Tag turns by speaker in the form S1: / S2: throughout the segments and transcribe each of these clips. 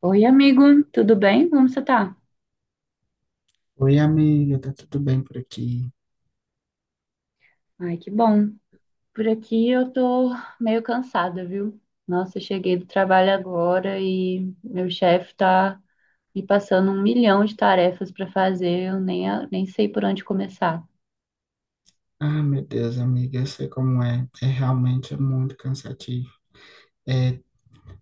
S1: Oi, amigo, tudo bem? Como você tá?
S2: Oi, amiga, tá tudo bem por aqui?
S1: Ai, que bom. Por aqui eu tô meio cansada, viu? Nossa, eu cheguei do trabalho agora e meu chefe tá me passando um milhão de tarefas pra fazer, eu nem, nem sei por onde começar.
S2: Ah, meu Deus, amiga, eu sei como é. É realmente muito cansativo. É,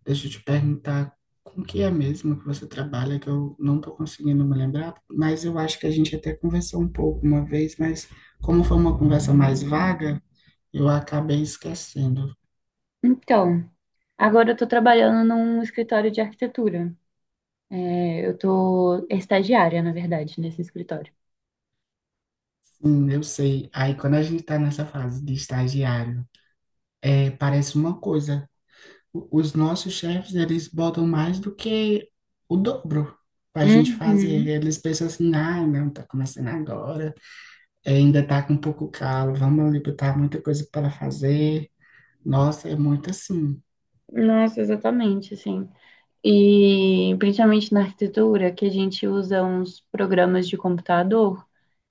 S2: deixa eu te perguntar, com que é mesmo que você trabalha, que eu não tô conseguindo me lembrar, mas eu acho que a gente até conversou um pouco uma vez, mas como foi uma conversa mais vaga, eu acabei esquecendo.
S1: Então, agora eu tô trabalhando num escritório de arquitetura. É, eu tô estagiária, na verdade, nesse escritório.
S2: Sim, eu sei. Aí quando a gente tá nessa fase de estagiário, parece uma coisa. Os nossos chefes, eles botam mais do que o dobro para a gente fazer.
S1: Uhum.
S2: Eles pensam assim: ah, não, tá começando agora, ainda tá com um pouco calo, vamos ali botar muita coisa para fazer. Nossa, é muito assim.
S1: Nossa, exatamente, assim. E principalmente na arquitetura, que a gente usa uns programas de computador,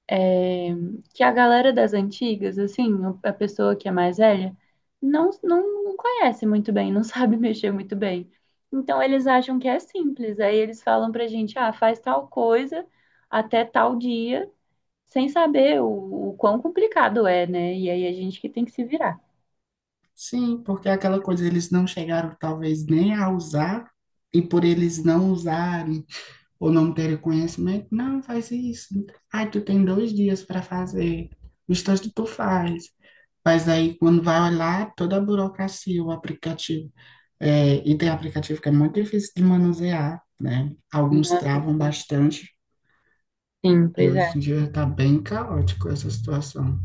S1: é, que a galera das antigas, assim, a pessoa que é mais velha, não conhece muito bem, não sabe mexer muito bem. Então eles acham que é simples. Aí eles falam pra gente, ah, faz tal coisa até tal dia, sem saber o quão complicado é, né? E aí a gente que tem que se virar.
S2: Sim, porque aquela coisa eles não chegaram talvez nem a usar, e por eles não usarem ou não terem conhecimento, não, faz isso. Ai, tu tem dois dias para fazer. O instante tu faz. Mas aí, quando vai olhar, toda a burocracia, o aplicativo. É, e tem aplicativo que é muito difícil de manusear, né? Alguns
S1: Nossa,
S2: travam bastante,
S1: sim,
S2: e
S1: pois
S2: hoje
S1: é.
S2: em dia está bem caótico essa situação.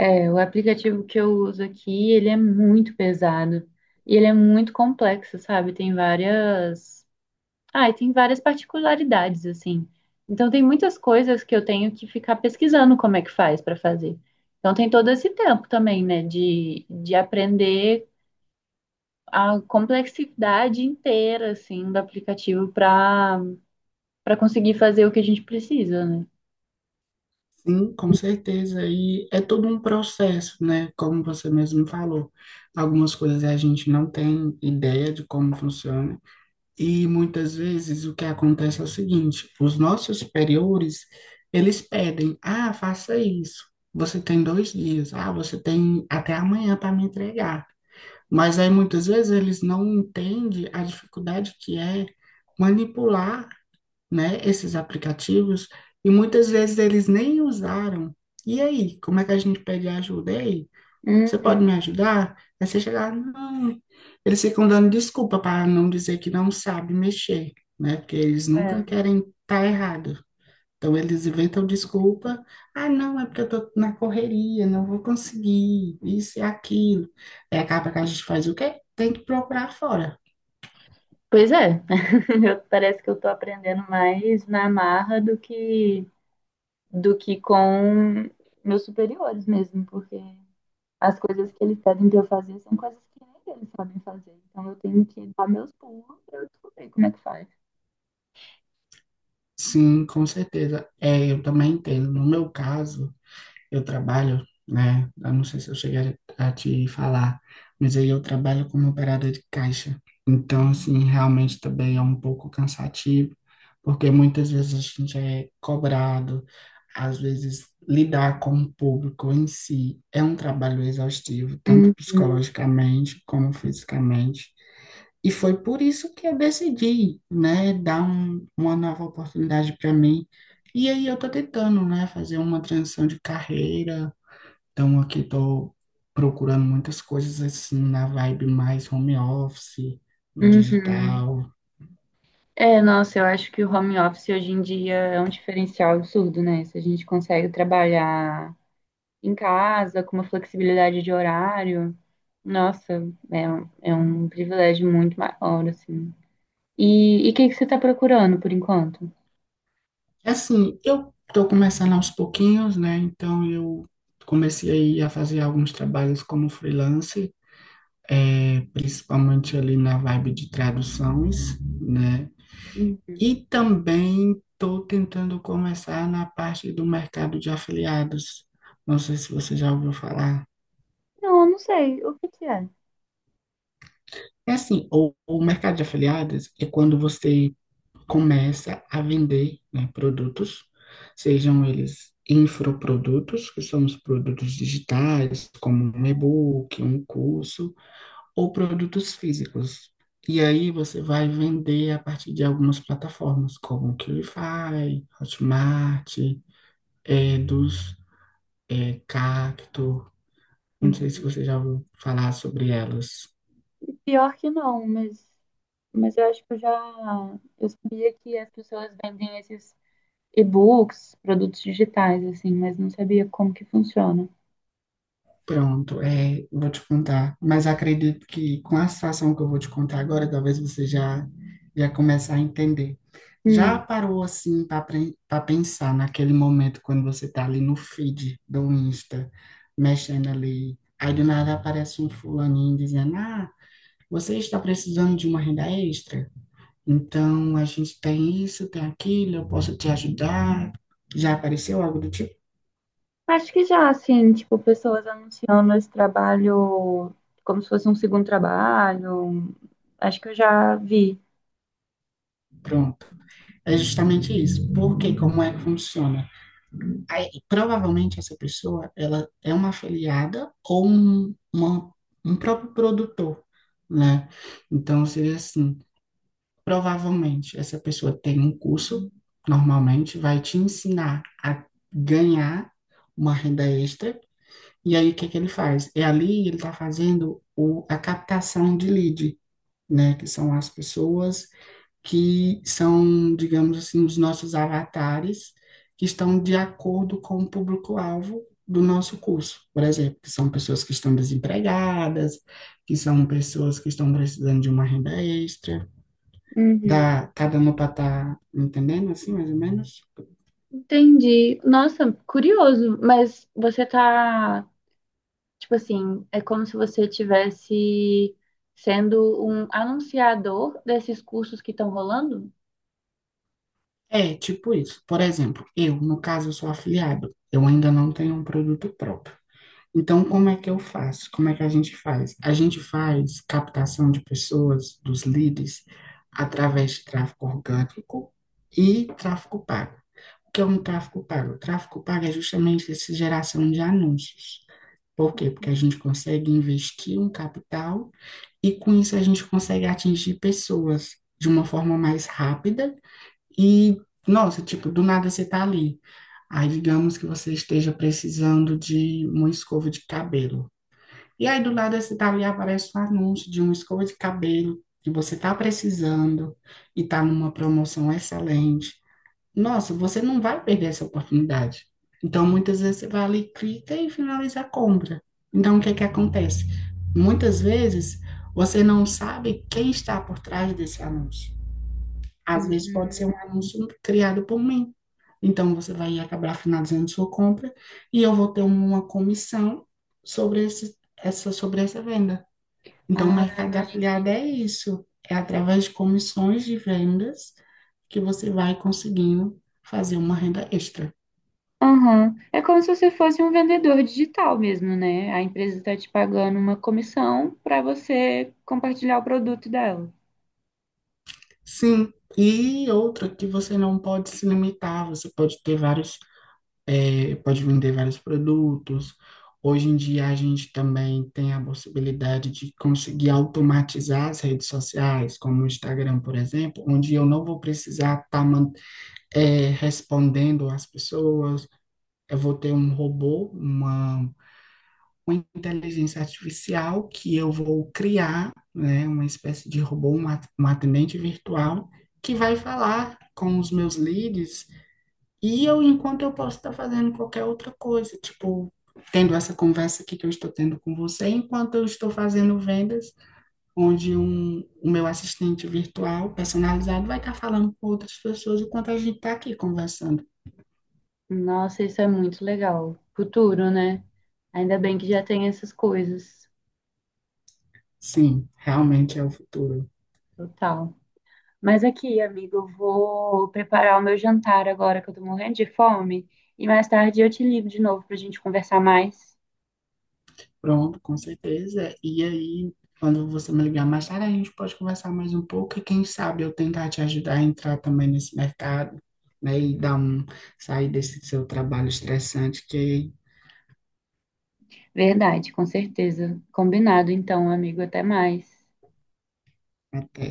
S1: É, o aplicativo que eu uso aqui, ele é muito pesado e ele é muito complexo, sabe? E tem várias particularidades assim. Então tem muitas coisas que eu tenho que ficar pesquisando como é que faz para fazer. Então tem todo esse tempo também, né, de aprender a complexidade inteira assim do aplicativo para conseguir fazer o que a gente precisa, né?
S2: Sim, com certeza. E é todo um processo, né? Como você mesmo falou. Algumas coisas a gente não tem ideia de como funciona. E muitas vezes o que acontece é o seguinte, os nossos superiores, eles pedem, ah, faça isso. Você tem dois dias, ah, você tem até amanhã para me entregar. Mas aí muitas vezes eles não entendem a dificuldade que é manipular, né, esses aplicativos e muitas vezes eles nem usaram. E aí, como é que a gente pede ajuda? E aí, você
S1: Uhum.
S2: pode me ajudar? Aí você chegar, não. Eles ficam dando desculpa para não dizer que não sabe mexer, né? Porque eles nunca
S1: É.
S2: querem estar tá errado. Então eles inventam desculpa. Ah, não, é porque eu tô na correria, não vou conseguir, isso e aquilo. Aí acaba que a gente faz o quê? Tem que procurar fora.
S1: Pois é, eu, parece que eu tô aprendendo mais na marra do que com meus superiores mesmo, porque as coisas que eles pedem pra eu fazer são coisas que nem eles sabem fazer. Então eu tenho que dar meus pulos pra eu descobrir como é que faz.
S2: Sim, com certeza. É, eu também entendo. No meu caso, eu trabalho, né? Eu não sei se eu cheguei a te falar, mas aí eu trabalho como operador de caixa. Então, assim, realmente também é um pouco cansativo, porque muitas vezes a gente é cobrado, às vezes lidar com o público em si é um trabalho exaustivo, tanto
S1: Uhum,
S2: psicologicamente como fisicamente. E foi por isso que eu decidi, né, dar uma nova oportunidade para mim. E aí eu tô tentando, né, fazer uma transição de carreira, então, aqui estou procurando muitas coisas assim na vibe mais home office, no
S1: uhum.
S2: digital.
S1: É, nossa, eu acho que o home office hoje em dia é um diferencial absurdo, né? Se a gente consegue trabalhar em casa, com uma flexibilidade de horário. Nossa, é um privilégio muito maior, assim. E o que que você está procurando por enquanto?
S2: Assim, eu estou começando aos pouquinhos, né? Então, eu comecei aí a fazer alguns trabalhos como freelance, principalmente ali na vibe de traduções, né?
S1: Uhum.
S2: E também estou tentando começar na parte do mercado de afiliados. Não sei se você já ouviu falar.
S1: Não, eu não sei o que que é.
S2: É assim, o mercado de afiliados é quando você começa a vender, né, produtos, sejam eles infoprodutos, que são os produtos digitais, como um e-book, um curso, ou produtos físicos. E aí você vai vender a partir de algumas plataformas, como o Qlify, Hotmart, Eduz, Cacto. Não sei se
S1: Uhum.
S2: você já ouviu falar sobre elas.
S1: E pior que não, mas eu acho que eu já. Eu sabia que as pessoas vendem esses e-books, produtos digitais, assim, mas não sabia como que funciona.
S2: Pronto, é, vou te contar. Mas acredito que com a situação que eu vou te contar agora, talvez você já comece a entender. Já
S1: Hum.
S2: parou assim para pensar naquele momento quando você está ali no feed do Insta, mexendo ali, aí do nada aparece um fulaninho dizendo: "Ah, você está precisando de uma renda extra? Então a gente tem isso, tem aquilo, eu posso te ajudar." Já apareceu algo do tipo?
S1: Acho que já, assim, tipo, pessoas anunciando esse trabalho como se fosse um segundo trabalho. Acho que eu já vi.
S2: Pronto. É justamente isso. Porque como é que funciona? Aí, provavelmente essa pessoa ela é uma afiliada ou um próprio produtor, né? Então seria assim, provavelmente essa pessoa tem um curso, normalmente vai te ensinar a ganhar uma renda extra. E aí o que que ele faz? É ali ele está fazendo a captação de lead, né? Que são as pessoas que são, digamos assim, os nossos avatares, que estão de acordo com o público-alvo do nosso curso, por exemplo, que são pessoas que estão desempregadas, que são pessoas que estão precisando de uma renda extra.
S1: Uhum.
S2: Dá, tá dando para estar tá entendendo assim, mais ou menos?
S1: Entendi. Nossa, curioso, mas você tá, tipo assim, é como se você tivesse sendo um anunciador desses cursos que estão rolando?
S2: É, tipo isso. Por exemplo, eu, no caso, eu sou afiliado. Eu ainda não tenho um produto próprio. Então, como é que eu faço? Como é que a gente faz? A gente faz captação de pessoas, dos leads, através de tráfego orgânico e tráfego pago. O que é um tráfego pago? O tráfego pago é justamente essa geração de anúncios. Por quê? Porque a gente consegue investir um capital e com isso a gente consegue atingir pessoas de uma forma mais rápida e, nossa, tipo, do nada você tá ali. Aí, digamos que você esteja precisando de uma escova de cabelo. E aí do lado desse dali aparece um anúncio de uma escova de cabelo que você está precisando e está numa promoção excelente. Nossa, você não vai perder essa oportunidade. Então, muitas vezes você vai ali, clica e finaliza a compra. Então, o que é que acontece? Muitas vezes você não sabe quem está por trás desse anúncio. Às vezes pode
S1: Uhum.
S2: ser um anúncio criado por mim. Então você vai acabar finalizando sua compra e eu vou ter uma comissão sobre sobre essa venda. Então o
S1: Ah,
S2: mercado de afiliado é isso. É através de comissões de vendas que você vai conseguindo fazer uma renda extra.
S1: aham. É como se você fosse um vendedor digital mesmo, né? A empresa está te pagando uma comissão para você compartilhar o produto dela.
S2: Sim, e outra que você não pode se limitar, você pode ter vários pode vender vários produtos. Hoje em dia a gente também tem a possibilidade de conseguir automatizar as redes sociais, como o Instagram, por exemplo, onde eu não vou precisar estar respondendo às pessoas, eu vou ter um robô, uma inteligência artificial que eu vou criar, né, uma espécie de robô, um um atendente virtual, que vai falar com os meus leads e eu, enquanto eu posso estar fazendo qualquer outra coisa, tipo, tendo essa conversa aqui que eu estou tendo com você, enquanto eu estou fazendo vendas, onde o meu assistente virtual personalizado vai estar falando com outras pessoas enquanto a gente está aqui conversando.
S1: Nossa, isso é muito legal. Futuro, né? Ainda bem que já tem essas coisas.
S2: Sim, realmente é o futuro.
S1: Total. Mas aqui, amigo, eu vou preparar o meu jantar agora que eu tô morrendo de fome. E mais tarde eu te ligo de novo pra gente conversar mais.
S2: Pronto, com certeza. E aí, quando você me ligar mais tarde, a gente pode conversar mais um pouco e quem sabe eu tentar te ajudar a entrar também nesse mercado, né, e dar um, sair desse seu trabalho estressante que
S1: Verdade, com certeza. Combinado, então, amigo. Até mais.
S2: Até.